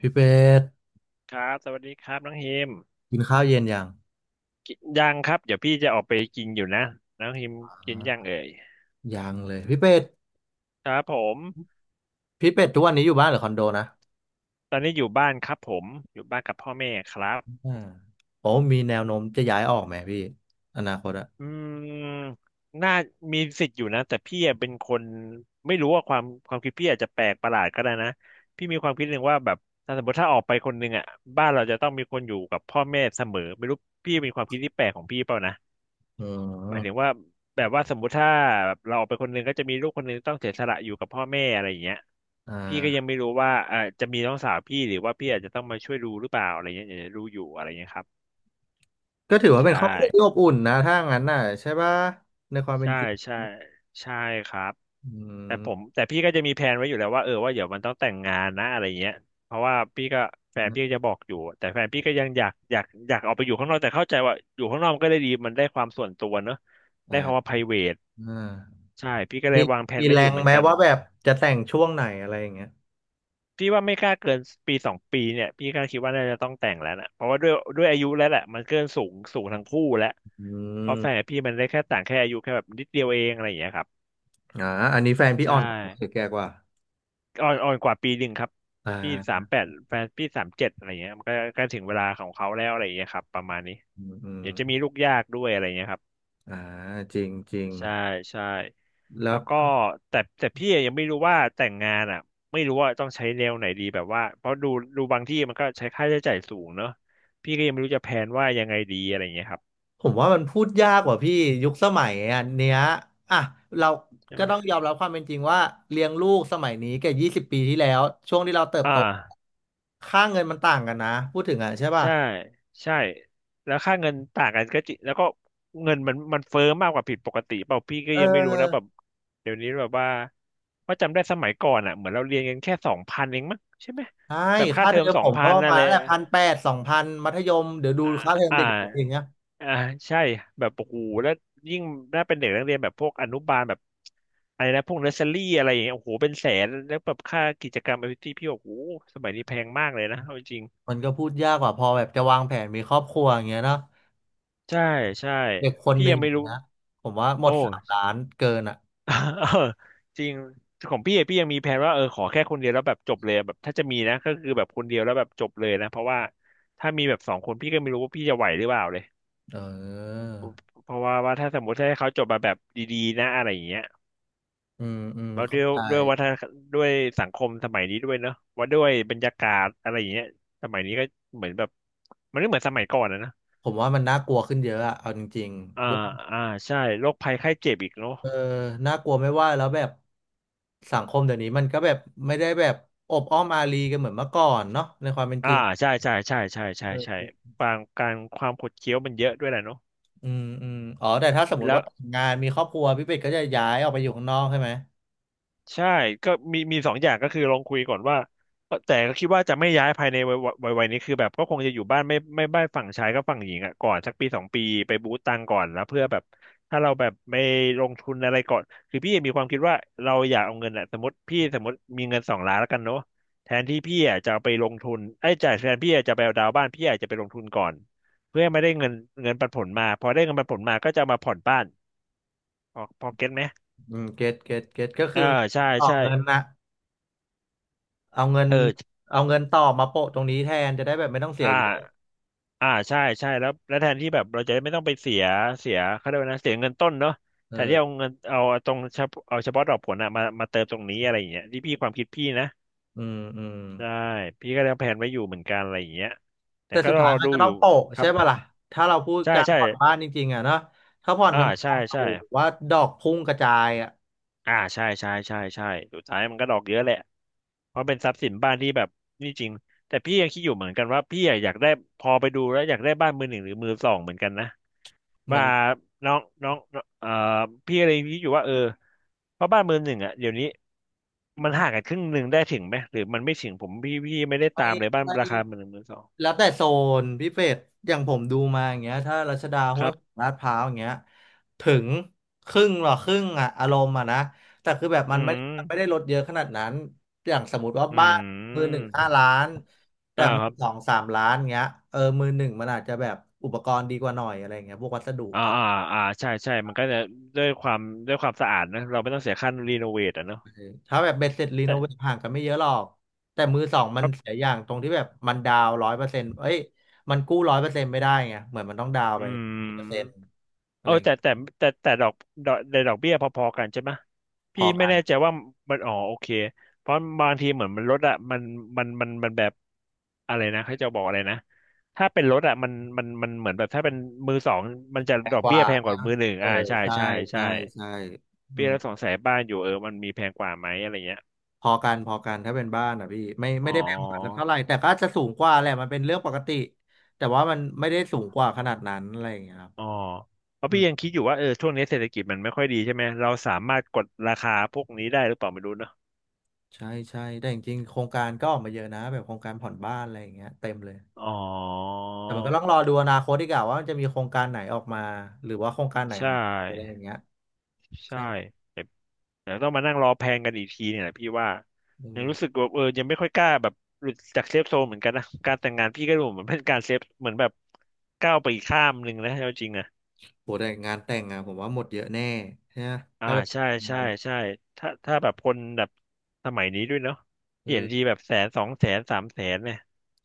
พี่เป็ดครับสวัสดีครับน้องฮิมกินข้าวเย็นยังกินยังครับเดี๋ยวพี่จะออกไปกินอยู่นะน้องฮิมอกิน่ายังเอ่ยยังเลยพี่เป็ดครับผมพี่เป็ดทุกวันนี้อยู่บ้านหรือคอนโดนะตอนนี้อยู่บ้านครับผมอยู่บ้านกับพ่อแม่ครับอ่าโอ้มีแนวโน้มจะย้ายออกไหมพี่อนาคตอะอืมน่ามีสิทธิ์อยู่นะแต่พี่อะเป็นคนไม่รู้ว่าความคิดพี่อาจจะแปลกประหลาดก็ได้นะพี่มีความคิดหนึ่งว่าแบบถ้าสมมติถ้าออกไปคนหนึ่งอ่ะบ้านเราจะต้องมีคนอยู่กับพ่อแม่เสมอไม่รู้พี่เป็นความคิดที่แปลกของพี่เปล่านะ อืหมายถึงมว่าแบบว่าสมมุติถ้าแบบเราออกไปคนหนึงก็จะมีลูกคนหนึงต้องเสียสละอยู่กับพ่อแม่อะไรอย่างเงี้ยอ่พี่ก็ยังาไม่รู้ว่าเออจะมีน้องสาวพี่หรือว่าพี่อาจจะต้องมาช่วยดูหรือเปล่าอะไรเงี้ยอย่างรู้อยู่อะไรเงี้ยครับก็ถือว่าใชเป็นครอบครัวที่อ่บอุ่นนะถ้างั้นน่ะใช่ปะในความเป็นใช่จริงใช่ใช่ครับอืแต่ผมมแต่พี่ก็จะมีแผนไว้อยู่แล้วว่าเออว่าเดี๋ยวมันต้องแต่งงานนะอะไรเงี้ยเพราะว่าพี่ก็แฟนพี่ก็จะบอกอยู่แต่แฟนพี่ก็ยังอยากออกไปอยู่ข้างนอกแต่เข้าใจว่าอยู่ข้างนอกมันก็ได้ดีมันได้ความส่วนตัวเนอะได้คำว่า อ่า private อ่าใช่พี่ก็เลยมีวางแผนมีไว้แรอยู่งเหมือนไหมกัน ว่าแบบจะแต่งช่วงไหนอะไรอย่างเงี้ยพี่ว่าไม่กล้าเกินปีสองปีเนี่ยพี่ก็คิดว่าน่าจะต้องแต่งแล้วนะเพราะว่าด้วยอายุแล้วแหละมันเกินสูงสูงทั้งคู่แล้วอืเพราะมแฟนกับพี่มันได้แค่ต่างแค่อายุแค่แบบนิดเดียวเองอะไรอย่างเงี้ยครับอ่าอันนี้แฟนพี่อใช่อนคือแกกว่าอ่อนกว่าปีหนึ่งครับอ่พี่สาามแปดแฟนพี่37อะไรเงี้ยมันก็ใกล้ถึงเวลาของเขาแล้วอะไรอย่างเงี้ยครับประมาณนี้อืมอืมเดี๋ยวจะมีลูกยากด้วยอะไรเงี้ยครับ อ่าจริงจริงใช่ใช่แล้แล้ว วก็แต่แต่พี่ยังไม่รู้ว่าแต่งงานอ่ะไม่รู้ว่าต้องใช้แนวไหนดีแบบว่าเพราะดูบางที่มันก็ใช้ค่าใช้จ่ายสูงเนอะพี่ก็ยังไม่รู้จะแพลนว่ายังไงดีอะไรอย่างเงี้ยครับผมว่ามันพูดยากกว่าพี่ยุคสมัยอันเนี้ยอ่ะเราใช่ก็ไหมต้องยอมรับความเป็นจริงว่าเลี้ยงลูกสมัยนี้กับ20 ปีที่แล้วช่วงที่เราเติบอ่าโตค่าเงินมันต่างกันนะพูดถึงอ่ะใช่ป่ะใช่ใช่แล้วค่าเงินต่างกันก็จริงแล้วก็เงินมันเฟ้อมากกว่าผิดปกติเปล่าพี่ก็เอยังไม่รู้นะแบบอเดี๋ยวนี้แบบว่าว่าจำได้สมัยก่อนอ่ะเหมือนเราเรียนกันแค่สองพันเองมั้งใช่ไหมใช่แบบค่าค่าเทอเทมอมสอผงมพัก็นประอะมาลณรแหละ1,800สองพันมัธยมเดี๋ยวดูค่าเทอมอ่เด็กๆอย่างา เงี้ยอ่าใช่แบบโอ้โหแล้วยิ่งน่าเป็นเด็กนักเรียนแบบพวกอนุบาลแบบอะไรนะพวกเนอร์เซอรี่อะไรอย่างเงี้ยโอ้โหเป็นแสนแล้วแบบค่ากิจกรรมแอคทิวิตี้พี่บอกโอ้โหสมัยนี้แพงมากเลยนะเอาจริงมันก็พูดยากกว่าพอแบบจะวางแผนมีครอบครัวอย่างเงี้ยเนาะใช่ใช่เด็กคนพี่หนึ่งยังอไม่ย่างรู้เงี้ยผมว่าหมโอดสาม้ ล้านเกินอ่ะ เออจริงของพี่อะพี่ยังมีแผนว่าเออขอแค่คนเดียวแล้วแบบจบเลยอะแบบถ้าจะมีนะก็คือแบบคนเดียวแล้วแบบจบเลยนะเพราะว่าถ้ามีแบบสองคนพี่ก็ไม่รู้ว่าพี่จะไหวหรือเปล่าเลยเออเพราะว่าว่าถ้าสมมติให้เขาจบมาแบบดีๆนะอะไรอย่างเงี้ย อืมอืมแล้วด้เข้าวยใจ ด้วยวัฒนด้วยสังคมสมัยนี้ด้วยเนอะว่าด้วยบรรยากาศอะไรอย่างเงี้ยสมัยนี้ก็เหมือนแบบมันไม่เหมือนสมัยก่อนนะนะผมว่ามันน่ากลัวขึ้นเยอะอะเอาจริงอ่าๆด้วยอ่าใช่โรคภัยไข้เจ็บอีกเนาะเออน่ากลัวไม่ว่าแล้วแบบสังคมเดี๋ยวนี้มันก็แบบไม่ได้แบบอบอ้อมอารีกันเหมือนเมื่อก่อนเนาะในความเป็นจอ่าริงใช่ใช่ใช่ใช่ใช่เอใช่อบางการความขดเคี้ยวมันเยอะด้วยแหละเนาะอืมอืมอ๋อแต่ถ้าสมมติแล้ว่าว แต่งงานมีครอบครัวพี่เป็ดก็จะย้ายออกไปอยู่ข้างนอกใช่ไหมใช่ก็มีมีสองอย่างก็คือลองคุยก่อนว่าแต่ก็คิดว่าจะไม่ย้ายภายในวัยนี้คือแบบก็คงจะอยู่บ้านไม่บ้านฝั่งชายก็ฝั่งหญิงอ่ะก่อนสักปีสองปีไปบูตตังก่อนแล้วเพื่อแบบถ้าเราแบบไม่ลงทุนอะไรก่อนคือพี่มีความคิดว่าเราอยากเอาเงินอ่ะสมมติพี่สมมติมีเงิน2,000,000แล้วกันเนาะแทนที่พี่อะจะเอาไปลงทุนไอ้ยจ่ายแทนพี่อะจะไปเอาดาวน์บ้านพี่อาจจะไปลงทุนก่อนเพื่อให้ไม่ได้เงินเงินปันผลมาพอได้เงินปันผลมาก็จะเอามาผ่อนบ้านพอเก็ตไหมอืมเก็ตเก็ตเก็ตก็คืออ่าใช่ต่อใช่เงินนะเอาเงินเออเอาเงินต่อมาโปะตรงนี้แทนจะได้แบบไม่ต้องเสียอ่า เยอะอ่าใช่ใช่แล้วแล้วแทนที่แบบเราจะไม่ต้องไปเสียเสียเขาเรียกว่านะเสียเงินต้นเนาะเอแทนที่อเอาเงินเอาตรงเฉพาะเอาเฉพาะดอกผลอะมามาเติมตรงนี้อะไรอย่างเงี้ยที่พี่ความคิดพี่นะอืมอืม ได้พี่ก็ยังแผนไว้อยู่เหมือนกันอะไรอย่างเงี้ยแต่แต่ก็สุดรอท้ายมันดูก็อต้อยู่งโปะคใช่รับป่ะล่ะถ้าเราพูดใช่การใช่ผ่อนบ้านจริงๆอ่ะเนาะ ถ้าผ่อนอ่าธรรมใช่ดาโอ้ใช่โหว่าดอกพุ่งกระจายอ่ะอ่าใช่ใช่ใช่ใช่สุดท้ายมันก็ดอกเยอะแหละเพราะเป็นทรัพย์สินบ้านที่แบบนี่จริงแต่พี่ยังคิดอยู่เหมือนกันว่าพี่อะอยากได้พอไปดูแล้วอยากได้บ้านมือหนึ่งหรือมือสองเหมือนกันนะ มัว่านน้องน้องเอ่อพี่อะไรพี่อยู่ว่าเออเพราะบ้านมือหนึ่งอ่ะเดี๋ยวนี้มันห่างกันครึ่งหนึ่งได้ถึงไหมหรือมันไม่ถึงผมพี่ไม่ได้ไม่ตามเลยบ้านไม่ราคามือหนึ่งมือสองแล้วแต่โซนพี่เป็ดอย่างผมดูมาอย่างเงี้ยถ้ารัชดาคห้วรัยขบวางลาดพร้าวอย่างเงี้ยถึงครึ่งหรอครึ่งอ่ะอารมณ์อ่ะนะแต่คือแบบมัอืนไม่ได้มลดเยอะขนาดนั้นอย่างสมมติว่าอืบ้านมือหมนึ่ง5 ล้านแต่อ่ามืคอรับสองสามล้านเงี้ยเออมือหนึ่งมันอาจจะแบบอุปกรณ์ดีกว่าหน่อยอะไรเงี้ยพวกวัสดุ อ่าอ่าอ่าใช่ใช่มันก็จะด้วยความด้วยความสะอาดนะเราไม่ต้องเสียค่ารีโนเวทอ่ะเนาะถ้าแบบเบ็ดเสร็จรีโนเวทแต่ห่างกันไม่เยอะหรอกแต่มือสองมัคนรัเสีบยอย่างตรงที่แบบมันดาวร้อยเปอร์เซ็นต์เอ้ยมันกู้ร้อยเปอร์เซ็นต์ไม่ได้ไงเหมือนมันต้องดาวอืไปม 10%อะเอไรออย่างแต่เงี้ยแต่แต่แต่ดอกในดอกเบี้ยพอๆกันใช่ไหมพพี่อไม่กันแน่ใจว่ามันอ๋อโอเคเพราะบางทีเหมือนมันลดอะมันแบบอะไรนะเขาจะบอกอะไรนะถ้าเป็นรถอะมันเหมือนแบบถ้าเป็นมือสองมันจะแพดงอกกเบี้ยว่าแพงกว่ามือหนึ่งเอออ่าใช่ใช่ใช่ใช่ใช่ใช่อืพี่มแล้วสงสัยบ้านอยู่เออมันมีแพงกว่าไหมอะไรเงี้ยพอกันพอกันถ้าเป็นบ้านอ่ะพี่ไม่อ๋ไม่อได้แพงกว่ากันสักเท่าไหร่แต่ก็อาจจะสูงกว่าแหละมันเป็นเรื่องปกติแต่ว่ามันไม่ได้สูงกว่าขนาดนั้นอะไรอย่างเงี้ยครับอ๋อเพราะอืพี่มยังคิดอยู่ว่าเออช่วงนี้เศรษฐกิจมันไม่ค่อยดีใช่ไหมเราสามารถกดราคาพวกนี้ได้หรือเปล่าไม่รู้เนอะใช่ใช่แต่จริงๆโครงการก็ออกมาเยอะนะแบบโครงการผ่อนบ้านอะไรอย่างเงี้ยเต็มเลย อ๋อ แต่มันก็ต้องรอดูอนาคตดีกว่าว่ามันจะมีโครงการไหนออกมาหรือว่าโครงการไหนใช่หายไปอะไรอย่างเงี้ยใช่ใช่ไหมแบบเดี๋ยวต้องมานั่งรอแพงกันอีกทีเนี่ยแหละพี่ว่าเอยังอรู้สึกว่าเออยังไม่ค่อยกล้าแบบหลุดจากเซฟโซนเหมือนกันนะการแต่งงานพี่ก็ดูเหมือนเป็นการเซฟเหมือนแบบก้าวไปอีกข้ามหนึ่งนะเอาจริงอะโหแต่งานแต่งอะผมว่าหมดเยอะแน่ใช่ไหมอ่าถ้าแบบใช่งาใช่นอะใช่ถ้าแบบคนแบบสมัยนี้ด้วยเนาะเอเปลี่ยอนทีแบบแสนสองแสนสามแสนเนี่ย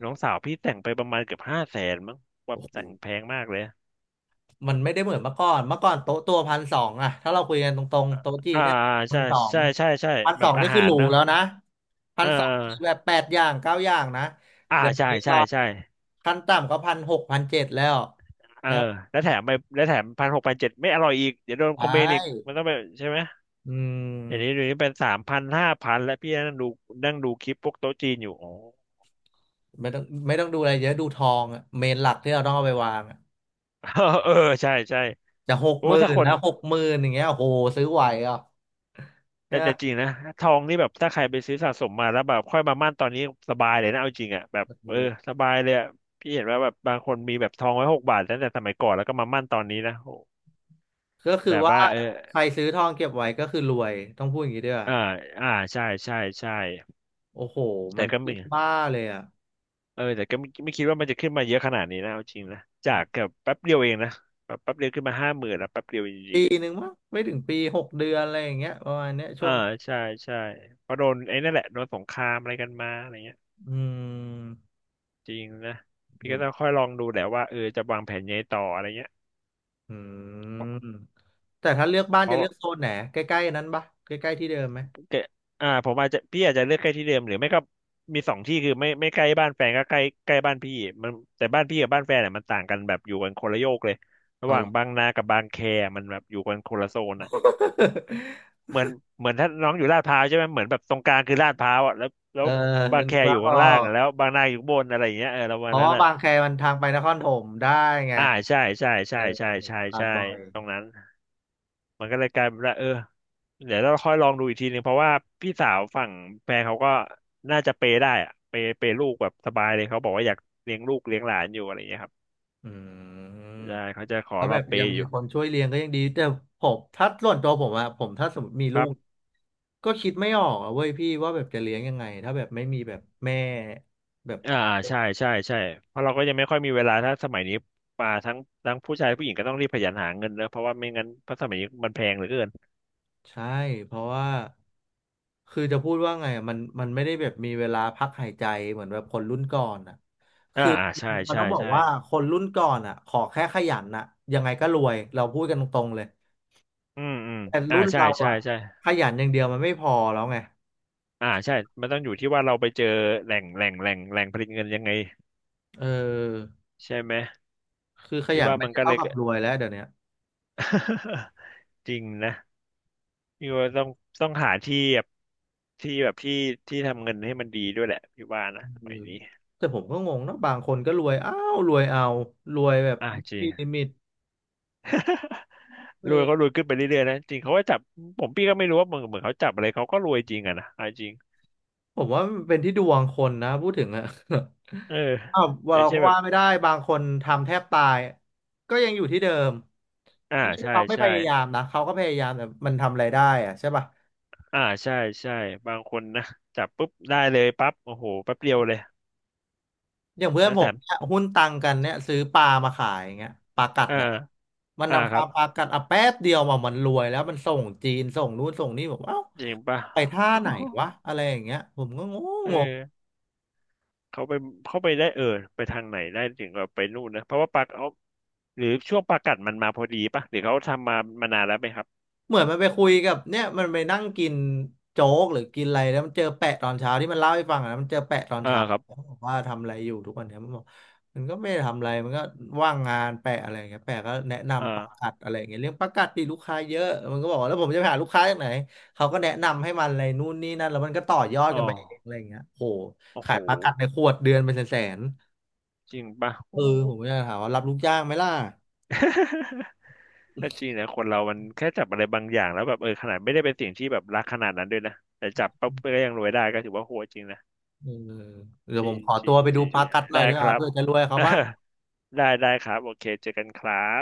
น้องสาวพี่แต่งไปประมาณเกือบห้าแสนมั้งว่าโอ้โหแต่งแพงมากเลยอมันไม่ได้เหมือนเมื่อก่อนเมื่อก่อนโต๊ะตัวพันสองอะถ้าเราคุยกันตรงๆโต๊ะจีน่าเนี่ยพัใช่นสองใช่ใช่ใช่พันแบสอบงอานี่คือหาหรรูเนาะแล้วนะพัเอนสองแบอบแปดอย่างเก้าอย่างนะอ่าเดี๋ยวใช่นี้ตใช่อนใช่ ขั้นต่ำก็1,6001,700แล้วเออแล้วแล้วแถมไปแล้วแถมพันหกพันเจ็ดไม่อร่อยอีกเดี๋ยวโดนไคอมเมนต์อีกปมันต้องไปใช่ไหมอืเดี๋ยวนี้ม เดี๋ยวนี้เป็นสามพันห้าพันแล้วพี่นั่งดูนั่งดูคลิปพวกโต๊ะจีนอยู่อ๋อ ไม่ต้องไม่ต้องดูอะไรเยอะดูทองอะเมนหลักที่เราต้องเอาไปวางอะ เออใช่ใช่จะหกโอ้หมื่ถ้านคนแล้วหกหมื่นอย่างเงี้ยโอ้โหซื้อไหวเหรอ่ะแต่เนี่ยแต่จริงนะทองนี่แบบถ้าใครไปซื้อสะสมมาแล้วแบบค่อยมามั่นตอนนี้สบายเลยนะเอาจริงอ่ะแบบโอ้โหเออสบายเลยอะพี่เห็นว่าแบบบางคนมีแบบทองไว้หกบาทตั้งแต่สมัยก่อนแล้วก็มามั่นตอนนี้นะโหก็คือแบบว่าว่าเออใครซื้อทองเก็บไว้ก็คือรวยต้องพูดอย่างนี้ด้วยอ่าอ่าใช่ใช่ใช่โอ้โหมัแต่นก็ขึ้มี นบ้าเลยอ่ะเออแต่ก็ไม่คิดว่ามันจะขึ้นมาเยอะขนาดนี้นะเอาจริงนะจากแบบแป๊บเดียวเองนะแบบแป๊บเดียวขึ้นมาห้าหมื่นแล้วแป๊บเดียวจริปีงหนึ่งมั้งไม่ถึงปี6 เดือนอะไรอย่างเงี้ยประมาณเนี้ยๆช่อ่าวงนี้ใช่ใช่เพราะโดนไอ้นั่นแหละโดนสงครามอะไรกันมาอะไรเงี้ยอืมจริงนะอืพี่ก็มต้องค่อยลองดูแหละว่าเออจะวางแผนยังไงต่ออะไรเงี้ยอืเพราะมแต่ถ้าเลือกบ้านเพจะราะเลือกโซนไหนใกล้ๆนั้นปะใกล้ๆที่เดิมไหมแกอ่าผมอาจจะพี่อาจจะเลือกใกล้ที่เดิมหรือไม่ก็มีสองที่คือไม่ใกล้บ้านแฟนก็ใกล้ใกล้บ้านพี่มันแต่บ้านพี่กับบ้านแฟนเนี่ยมันต่างกันแบบอยู่กันคนละโยกเลยระอ๋อหว่าเหงรอ บางนากับบางแคมันแบบอยู่กันคนละโซนอะ เหมือนเหมือนถ้าน้องอยู่ลาดพร้าวใช่ไหมเหมือนแบบตรงกลางคือลาดพร้าวอ่ะแล้วแล้เอวอบางแคนึกอว่ายู่อข้าองล่างก อะแล้วบางนาอยู่ข้างบนอะไรอย่างเงี้ยเออแล้วเพวันราะนั้นว่าอ่ะบางแคมันทางไปนครปฐมได้ไงอ่าใช่ใช่เอใช่อใช่ผมใช่ผ่านใช่บ่อยตรงนั้นมันก็เลยกลายเป็นว่าเออเดี๋ยวเราค่อยลองดูอีกทีหนึ่งเพราะว่าพี่สาวฝั่งแฟนเขาก็น่าจะเปย์ได้อะเปย์เปย์ลูกแบบสบายเลยเขาบอกว่าอยากเลี้ยงลูกเลี้ยงหลานอยู่อะไรอย่างเงี้ยครับอืมใช่เขาจะขอเพาะรแบอบเปยังย์อมียู่คนช่วยเลี้ยงก็ยังดีแต่ผมถ้าส่วนตัวผมอะผมถ้าสมมติมีคลูรักบ ก็คิดไม่ออกอะเว้ยพี่ว่าแบบจะเลี้ยงยังไงถ้าแบบไม่มีแบบแม่แบบอ่าใช่ใช่ใช่เพราะเราก็ยังไม่ค่อยมีเวลาถ้าสมัยนี้มาทั้งผู้ชายผู้หญิงก็ต้องรีบขยันหาเงินนะเพราะว่าไม่งั้นเพราะสมัยนี้มันแพงเหลือเกินใช่เพราะว่าคือจะพูดว่าไงอะมันมันไม่ได้แบบมีเวลาพักหายใจเหมือนแบบคนรุ่นก่อนอะอ่าคืออ่าใช่มันใช่ต้องบอกใช่ว่าคนรุ่นก่อนอะขอแค่ขยันอะยังไงก็รวยเราพูดกันตรงๆเลย อืมอืมแต่อ่ารุ่นใช่เราใช่อ่ะใช่ขยันอย่างเดียวมันไม่พอแล้วไงอ่าใช่มันต้องอยู่ที่ว่าเราไปเจอแหล่งผลิตเงินยังไงเออใช่ไหมคือขพี่ยันว่าไม่มันได้ก็เลเท่าย กับรวยแล้วเดี๋ยวเนี้ย จริงนะพี่ว่าต้องหาที่แบบที่ที่ทำเงินให้มันดีด้วยแหละพี่ว่านะอืสมัยมนี้แต่ผมก็งงนะบางคนก็รวยอ้าวรวยเอารวยแบบอ่าจริไมง มีลิมิตเอ รวยเขารอวยขึ้นไปเรื่อยๆนะจริงเขาก็จับผมพี่ก็ไม่รู้ว่าเหมือนเขาจับอะไรเขาก็รวยจริงอะนะเอาจริงผมว่ามันเป็นที่ดวงคนนะพูดถึงอะ เออ อ้าว่าอย่างเราเช่ก็นแบว่าบไม่ได้บางคนทำแทบตายก็ยังอยู่ที่เดิมอ่าไม่ใช่ใช่เขาไม่พใช่ยายามนะเขาก็พยายามแต่มันทำอะไรได้อะใช่ป่ะ อ่าใช่ใช่บางคนนะจับปุ๊บได้เลยปั๊บโอ้โหแป๊บเดียวเลยอย่างเพื่อแล้นวผแถมมเนี่ยหุ้นตังกันเนี่ยซื้อปลามาขายอย่างเงี้ยปลากัดอ่าอ่ะมันอ่านำปคลารับปลากัดอ่ะแป๊บเดียวมามันรวยแล้วมันส่งจีนส่งนู้นส่งนี่ผมเอ้าจริงป่ะ ไปท่าไหนวะอะไรอย่างเงี้ยผมก็ง เองง อเขาไปเขาไปได้เออไปทางไหนได้ถึงกับไปนู่นนะเพราะว่าปลากเอาหรือช่วงปลากัดมันมาพอดีป่ะหรือเขาทำมามานานแล้วไหมครับเหมือนมันไปคุยกับเนี่ยมันไปนั่งกินโจ๊กหรือกินอะไรแล้วมันเจอแปะตอนเช้าที่มันเล่าให้ฟังอะนะมันเจอแปะตอนอ่าเช้าครับบอกว่าทำอะไรอยู่ทุกวันเนี่ยมันบอกมันก็ไม่ได้ทำอะไรมันก็ว่างงานแปะอะไรอย่างเงี้ยแปะก็แนะนำประอ่ากัดอะไรอย่างเงี้ยเรื่องประกัดปีลูกค้าเยอะมันก็บอกว่าแล้วผมจะไปหาลูกค้าจากไหนเขาก็แนะนำให้มันอะไรนู่นนี่นั่นแล้วมันก็ต่อยอดอ๋อกันไปเองอะไรอย่างเงี้ยโหโอ้ขาโหยประกัดในขวดเดือนเป็นแสนจริงป่ะๆเออโอ้ ผมก็จะถามว่ารับลูกจ้างไหมล่ะ ก็จริงนะคนเรามันแค่จับอะไรบางอย่างแล้วแบบเออขนาดไม่ได้เป็นสิ่งที่แบบรักขนาดนั้นด้วยนะแต่จับปั๊บก็ยังรวยได้ก็ถือว่าโหดจริงนะเออเดี๋ยจวผริมงขอจตัริวงไปจดูริงประกัดหน่อได้ยดีคกว่ารับ เพื่อจะรวยเขา บ้างได้ได้ครับโอเคเจอกันครับ